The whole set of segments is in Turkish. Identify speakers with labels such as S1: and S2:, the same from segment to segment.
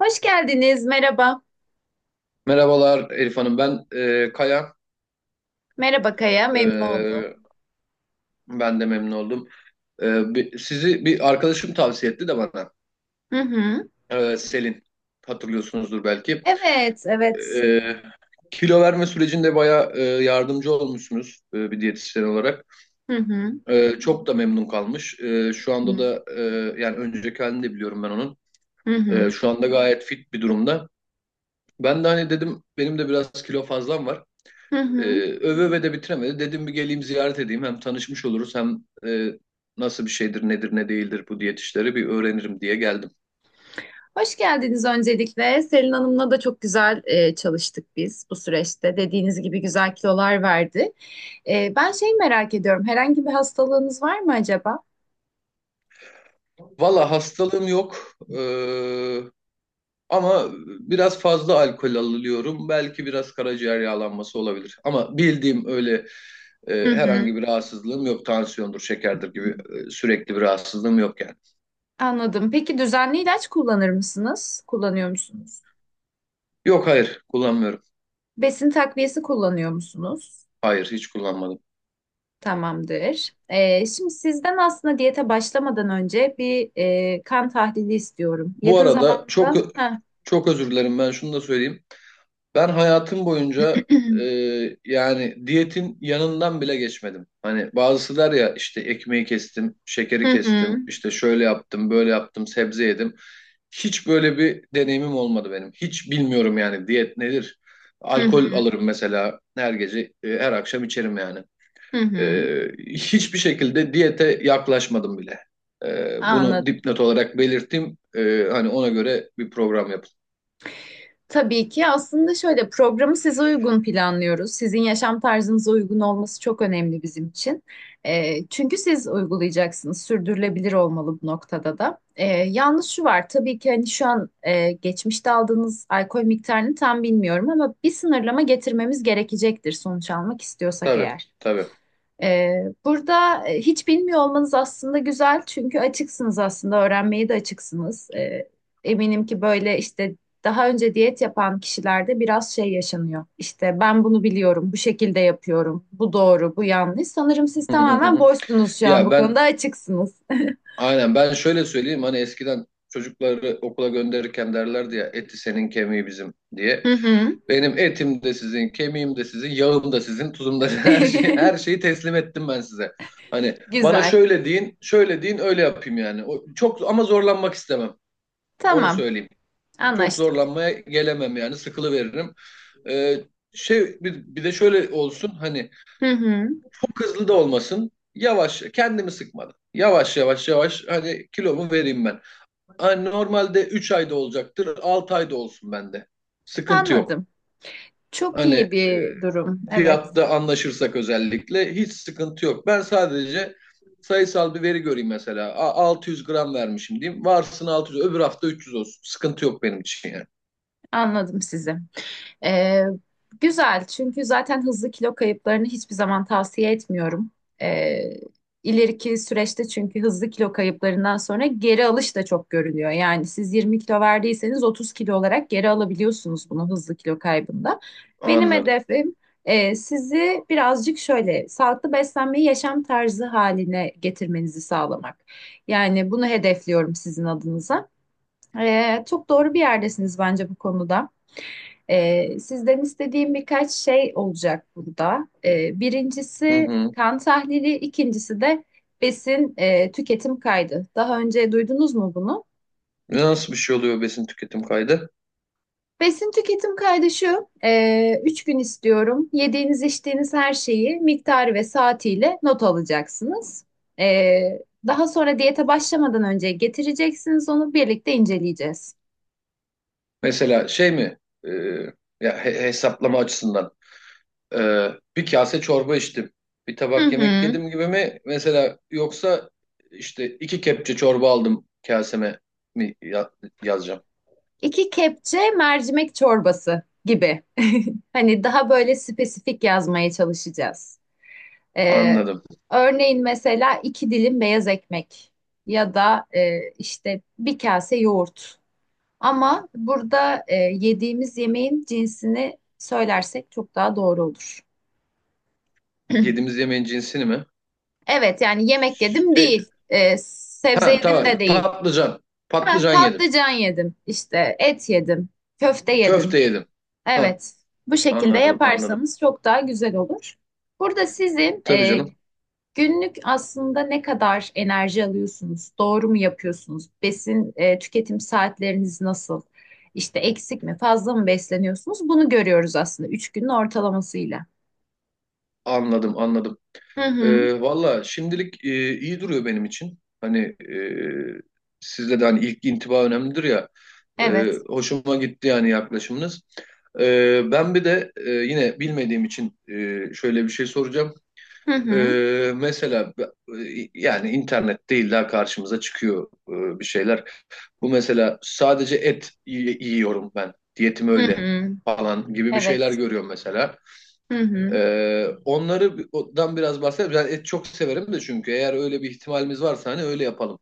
S1: Hoş geldiniz. Merhaba.
S2: Merhabalar Elif Hanım, ben Kaya.
S1: Merhaba Kaya. Memnun oldum.
S2: E, Ben de memnun oldum. Sizi bir arkadaşım tavsiye etti de bana.
S1: Hı hı.
S2: Selin, hatırlıyorsunuzdur belki.
S1: Evet, evet.
S2: E, Kilo verme sürecinde bayağı yardımcı olmuşsunuz bir diyetisyen olarak.
S1: Hı hı.
S2: Çok da memnun kalmış. Şu
S1: Hı
S2: anda
S1: hı.
S2: da yani önceki halini de biliyorum ben onun. Şu anda gayet fit bir durumda. Ben de hani dedim benim de biraz kilo fazlam var.
S1: Hı hı. Hı.
S2: Öve öve de bitiremedi. Dedim bir geleyim, ziyaret edeyim. Hem tanışmış oluruz hem nasıl bir şeydir, nedir, ne değildir bu diyet işleri bir öğrenirim diye geldim.
S1: Hoş geldiniz öncelikle. Selin Hanım'la da çok güzel çalıştık biz bu süreçte. Dediğiniz gibi güzel kilolar verdi. Ben şey merak ediyorum. Herhangi bir hastalığınız var mı acaba?
S2: Valla hastalığım yok. Ama biraz fazla alkol alıyorum. Belki biraz karaciğer yağlanması olabilir. Ama bildiğim öyle
S1: Hı hı.
S2: herhangi bir rahatsızlığım yok. Tansiyondur, şekerdir gibi sürekli bir rahatsızlığım yok yani.
S1: Anladım. Peki düzenli ilaç kullanır mısınız? Kullanıyor musunuz?
S2: Yok, hayır, kullanmıyorum.
S1: Besin takviyesi kullanıyor musunuz?
S2: Hayır, hiç kullanmadım.
S1: Tamamdır. Şimdi sizden aslında diyete başlamadan önce bir kan tahlili istiyorum.
S2: Bu
S1: Yakın
S2: arada çok
S1: zamanda. Ha.
S2: çok özür dilerim, ben şunu da söyleyeyim. Ben hayatım boyunca e, yani diyetin yanından bile geçmedim. Hani bazısı der ya, işte ekmeği kestim, şekeri kestim, işte şöyle yaptım, böyle yaptım, sebze yedim. Hiç böyle bir deneyimim olmadı benim. Hiç bilmiyorum yani diyet nedir.
S1: Hı hı.
S2: Alkol
S1: Hı hı.
S2: alırım mesela her gece, her akşam içerim yani.
S1: Hı hı.
S2: Hiçbir şekilde diyete yaklaşmadım bile. Bunu
S1: Anladım.
S2: dipnot olarak belirttim. Hani ona göre bir program yapın.
S1: Tabii ki aslında şöyle programı size uygun planlıyoruz. Sizin yaşam tarzınıza uygun olması çok önemli bizim için. Çünkü siz uygulayacaksınız. Sürdürülebilir olmalı bu noktada da. Yalnız şu var tabii ki, hani şu an geçmişte aldığınız alkol miktarını tam bilmiyorum ama bir sınırlama getirmemiz gerekecektir sonuç almak istiyorsak
S2: Tabii,
S1: eğer.
S2: tabii.
S1: Burada hiç bilmiyor olmanız aslında güzel, çünkü açıksınız, aslında öğrenmeye de açıksınız. Eminim ki böyle işte daha önce diyet yapan kişilerde biraz şey yaşanıyor. İşte ben bunu biliyorum, bu şekilde yapıyorum, bu doğru, bu yanlış. Sanırım siz
S2: Hı hı
S1: tamamen
S2: hı.
S1: boşsunuz şu an,
S2: Ya
S1: bu
S2: ben
S1: konuda açıksınız.
S2: Aynen, ben şöyle söyleyeyim, hani eskiden çocukları okula gönderirken derlerdi ya, eti senin kemiği bizim diye.
S1: Hı hı.
S2: Benim etim de sizin, kemiğim de sizin, yağım da sizin, tuzum da her şey, her şeyi teslim ettim ben size. Hani bana
S1: Güzel.
S2: şöyle deyin, şöyle deyin, öyle yapayım yani. O, çok ama zorlanmak istemem. Onu
S1: Tamam,
S2: söyleyeyim. Çok
S1: anlaştık.
S2: zorlanmaya gelemem yani, sıkılıveririm. Ee, bir de şöyle olsun, hani
S1: Hı hı.
S2: çok hızlı da olmasın. Yavaş, kendimi sıkmadan. Yavaş yavaş hani kilomu vereyim ben. Hani normalde 3 ayda olacaktır. 6 ayda olsun bende. Sıkıntı yok.
S1: Anladım. Çok
S2: Hani
S1: iyi bir durum. Evet,
S2: fiyatta anlaşırsak özellikle hiç sıkıntı yok. Ben sadece sayısal bir veri göreyim mesela. 600 gram vermişim diyeyim. Varsın 600, öbür hafta 300 olsun. Sıkıntı yok benim için yani.
S1: anladım sizi. Ee, Güzel çünkü zaten hızlı kilo kayıplarını hiçbir zaman tavsiye etmiyorum. Ee, ileriki süreçte, çünkü hızlı kilo kayıplarından sonra geri alış da çok görülüyor. Yani siz 20 kilo verdiyseniz 30 kilo olarak geri alabiliyorsunuz bunu hızlı kilo kaybında. Benim
S2: Anladım.
S1: hedefim sizi birazcık şöyle sağlıklı beslenmeyi yaşam tarzı haline getirmenizi sağlamak. Yani bunu hedefliyorum sizin adınıza. Çok doğru bir yerdesiniz bence bu konuda. Sizden istediğim birkaç şey olacak burada.
S2: Hı
S1: Birincisi
S2: hı.
S1: kan tahlili, ikincisi de besin tüketim kaydı. Daha önce duydunuz mu bunu?
S2: Nasıl bir şey oluyor besin tüketim kaydı?
S1: Besin tüketim kaydı şu, 3 gün istiyorum. Yediğiniz, içtiğiniz her şeyi miktarı ve saatiyle not alacaksınız. Ee, Daha sonra diyete başlamadan önce getireceksiniz, onu birlikte inceleyeceğiz.
S2: Mesela şey mi? E, Ya, hesaplama açısından. Ee, Bir kase çorba içtim. Bir
S1: Hı
S2: tabak yemek
S1: hı.
S2: yedim gibi mi? Mesela, yoksa işte iki kepçe çorba aldım, kaseme mi yazacağım?
S1: 2 kepçe mercimek çorbası gibi. Hani daha böyle spesifik yazmaya çalışacağız. Ee,
S2: Anladım.
S1: Örneğin mesela 2 dilim beyaz ekmek ya da işte bir kase yoğurt. Ama burada yediğimiz yemeğin cinsini söylersek çok daha doğru olur.
S2: Yediğimiz yemeğin cinsini mi?
S1: Evet, yani yemek yedim
S2: E,
S1: değil, sebze
S2: ha,
S1: yedim
S2: tamam.
S1: de değil.
S2: Patlıcan.
S1: Ha,
S2: Patlıcan yedim.
S1: patlıcan yedim, işte et yedim, köfte yedim.
S2: Köfte yedim. Ha,
S1: Evet, bu şekilde
S2: anladım, anladım.
S1: yaparsanız çok daha güzel olur. Burada sizin
S2: Tabii canım.
S1: günlük aslında ne kadar enerji alıyorsunuz, doğru mu yapıyorsunuz, besin tüketim saatleriniz nasıl, işte eksik mi, fazla mı besleniyorsunuz, bunu görüyoruz aslında 3 günün ortalamasıyla.
S2: Anladım, anladım.
S1: Hı hı,
S2: Valla şimdilik iyi duruyor benim için. Hani e, sizde de hani ilk intiba önemlidir ya.
S1: evet.
S2: Hoşuma gitti yani yaklaşımınız. Ben bir de yine bilmediğim için şöyle bir şey soracağım.
S1: Hı hı,
S2: Mesela yani internet değil illa karşımıza çıkıyor bir şeyler. Bu mesela sadece et yiyorum ben, diyetim
S1: hı
S2: öyle
S1: hı,
S2: falan gibi bir şeyler
S1: evet.
S2: görüyorum mesela.
S1: Hı hı.
S2: Onları biraz bahsedelim. Ben et çok severim de, çünkü eğer öyle bir ihtimalimiz varsa hani öyle yapalım.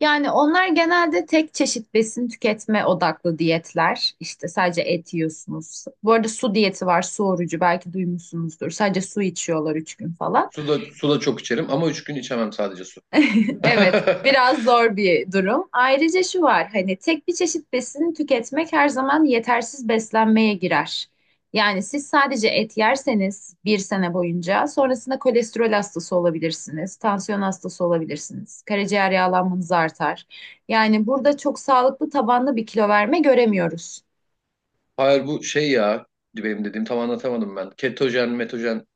S1: Yani onlar genelde tek çeşit besin tüketme odaklı diyetler. İşte sadece et yiyorsunuz. Bu arada su diyeti var, su orucu, belki duymuşsunuzdur. Sadece su içiyorlar 3 gün falan.
S2: Su da, su da çok içerim ama 3 gün içemem sadece su.
S1: Evet, biraz zor bir durum. Ayrıca şu var, hani tek bir çeşit besin tüketmek her zaman yetersiz beslenmeye girer. Yani siz sadece et yerseniz bir sene boyunca sonrasında kolesterol hastası olabilirsiniz, tansiyon hastası olabilirsiniz, karaciğer yağlanmanız artar. Yani burada çok sağlıklı tabanlı bir kilo verme göremiyoruz.
S2: Hayır, bu şey ya, benim dediğim, tam anlatamadım ben. Ketojen, metojen,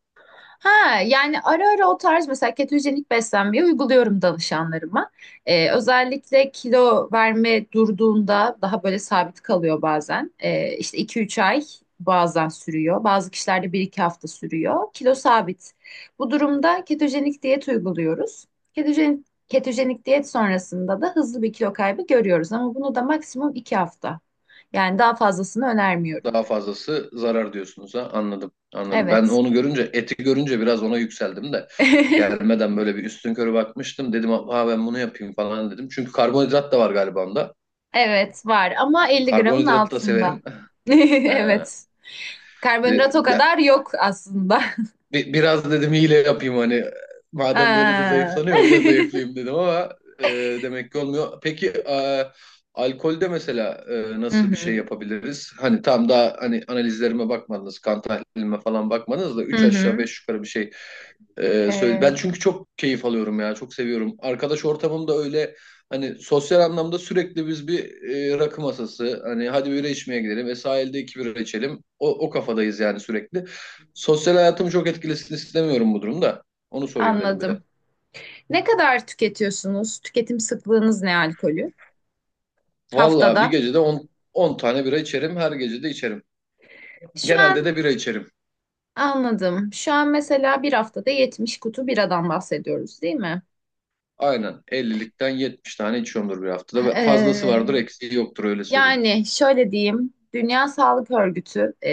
S1: Ha, yani ara ara o tarz mesela ketojenik beslenmeyi uyguluyorum danışanlarıma. Özellikle kilo verme durduğunda daha böyle sabit kalıyor bazen. İşte 2-3 ay bazen sürüyor. Bazı kişilerde bir 2 hafta sürüyor. Kilo sabit. Bu durumda ketojenik diyet uyguluyoruz. Ketojenik diyet sonrasında da hızlı bir kilo kaybı görüyoruz ama bunu da maksimum 2 hafta. Yani daha fazlasını önermiyorum.
S2: daha fazlası zarar diyorsunuz, ha, anladım, anladım. Ben
S1: Evet.
S2: onu görünce, eti görünce biraz ona yükseldim de, gelmeden böyle bir üstünkörü bakmıştım. Dedim, ha, ben bunu yapayım falan dedim. Çünkü karbonhidrat da var galiba onda.
S1: Evet var ama 50 gramın
S2: Karbonhidratı da
S1: altında.
S2: severim. He.
S1: Evet. Karbonhidrat o
S2: De-
S1: kadar yok aslında.
S2: Biraz dedim hile yapayım, hani madem böyle de
S1: Ha.
S2: zayıflanıyor öyle zayıflayayım dedim ama e, demek ki olmuyor. Peki alkolde mesela
S1: Hı
S2: nasıl bir şey
S1: hı.
S2: yapabiliriz? Hani tam, daha hani analizlerime bakmadınız, kan tahlilime falan bakmadınız da,
S1: Hı
S2: 3 aşağı
S1: hı.
S2: 5 yukarı bir şey söyle. Ben
S1: Ee,
S2: çünkü çok keyif alıyorum ya, çok seviyorum. Arkadaş ortamımda öyle, hani sosyal anlamda sürekli biz bir rakı masası, hani hadi bira içmeye gidelim, ve sahilde iki bira içelim. O, o kafadayız yani sürekli. Sosyal hayatımı çok etkilesin istemiyorum bu durumda. Onu sorayım dedim bir de.
S1: Anladım. Ne kadar tüketiyorsunuz? Tüketim sıklığınız ne alkolü?
S2: Vallahi bir
S1: Haftada.
S2: gecede 10 tane bira içerim. Her gece de içerim.
S1: Şu
S2: Genelde
S1: an
S2: de bira içerim.
S1: anladım. Şu an mesela bir haftada 70 kutu biradan bahsediyoruz, değil mi?
S2: Aynen. 50'likten 70 tane içiyorumdur bir haftada. Ve fazlası vardır,
S1: Ee,
S2: eksiği yoktur, öyle söyleyeyim.
S1: Yani şöyle diyeyim, Dünya Sağlık Örgütü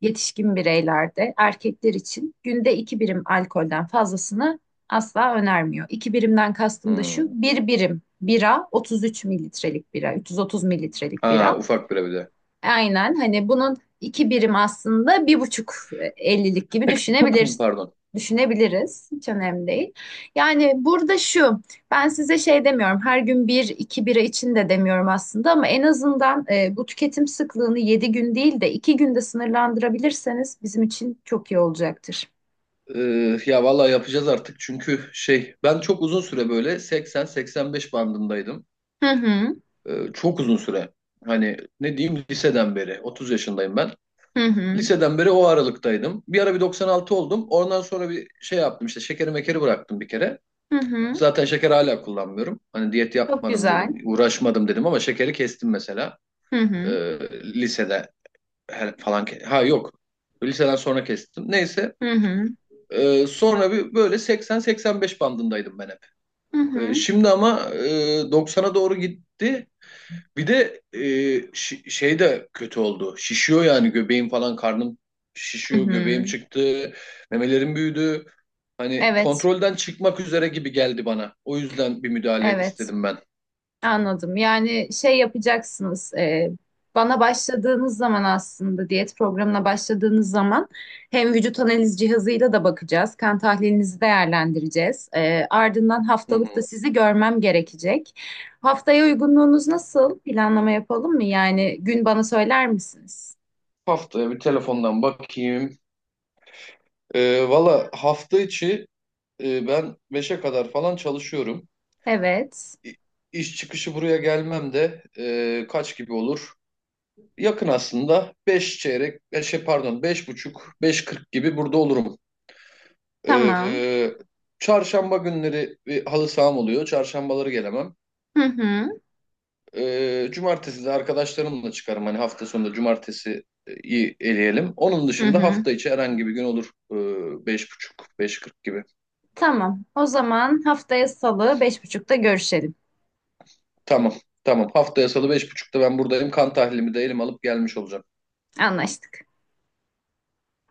S1: yetişkin bireylerde erkekler için günde 2 birim alkolden fazlasını asla önermiyor. 2 birimden kastım da şu,
S2: Hmm.
S1: bir birim bira 33 mililitrelik bira, 330 mililitrelik
S2: Ha,
S1: bira.
S2: ufak bira bir de.
S1: Aynen, hani bunun 2 birim aslında 1,5 ellilik gibi düşünebiliriz.
S2: Pardon.
S1: Düşünebiliriz. Hiç önemli değil. Yani burada şu, ben size şey demiyorum, her gün bir iki bira için de demiyorum aslında, ama en azından bu tüketim sıklığını 7 gün değil de 2 günde sınırlandırabilirseniz bizim için çok iyi olacaktır.
S2: Ya vallahi yapacağız artık, çünkü ben çok uzun süre böyle 80-85 bandındaydım.
S1: Hı hı,
S2: Çok uzun süre. Hani ne diyeyim, liseden beri 30 yaşındayım ben.
S1: hı hı,
S2: Liseden beri o aralıktaydım. Bir ara bir 96 oldum. Ondan sonra bir şey yaptım, işte şekeri mekeri bıraktım bir kere.
S1: hı hı,
S2: Zaten şeker hala kullanmıyorum. Hani diyet
S1: çok
S2: yapmadım dedim,
S1: güzel.
S2: uğraşmadım dedim, ama şekeri kestim mesela.
S1: Hı hı,
S2: Ee, Lisede falan. Ha, yok. Liseden sonra kestim. Neyse.
S1: hı hı,
S2: Sonra bir böyle 80-85 bandındaydım ben hep.
S1: hı hı,
S2: Şimdi ama 90'a doğru gitti. Bir de şey de kötü oldu. Şişiyor yani, göbeğim falan, karnım
S1: hı.
S2: şişiyor, göbeğim
S1: Hı.
S2: çıktı, memelerim büyüdü. Hani
S1: Evet,
S2: kontrolden çıkmak üzere gibi geldi bana. O yüzden bir müdahale
S1: evet.
S2: istedim ben.
S1: Anladım. Yani şey yapacaksınız. Bana başladığınız zaman, aslında diyet programına başladığınız zaman, hem vücut analiz cihazıyla da bakacağız. Kan tahlilinizi değerlendireceğiz. Ardından
S2: Hı
S1: haftalık da
S2: hı.
S1: sizi görmem gerekecek. Haftaya uygunluğunuz nasıl? Planlama yapalım mı? Yani gün bana söyler misiniz?
S2: Haftaya bir telefondan bakayım. Valla hafta içi ben 5'e kadar falan çalışıyorum.
S1: Evet.
S2: İ- İş çıkışı buraya gelmem de kaç gibi olur? Yakın aslında, 5 çeyrek, 5 pardon, 5 buçuk, beş kırk gibi burada olurum.
S1: Tamam.
S2: Ee, Çarşamba günleri bir halı saham oluyor. Çarşambaları gelemem.
S1: Hı hı.
S2: Cumartesi de arkadaşlarımla çıkarım. Hani hafta sonunda cumartesi iyi eleyelim. Onun
S1: Hı
S2: dışında
S1: hı.
S2: hafta içi herhangi bir gün olur. Beş buçuk, beş kırk gibi.
S1: Tamam. O zaman haftaya Salı 5.30'ta görüşelim.
S2: Tamam, tamam. Haftaya salı beş buçukta ben buradayım. Kan tahlilimi de elim alıp gelmiş olacağım.
S1: Anlaştık.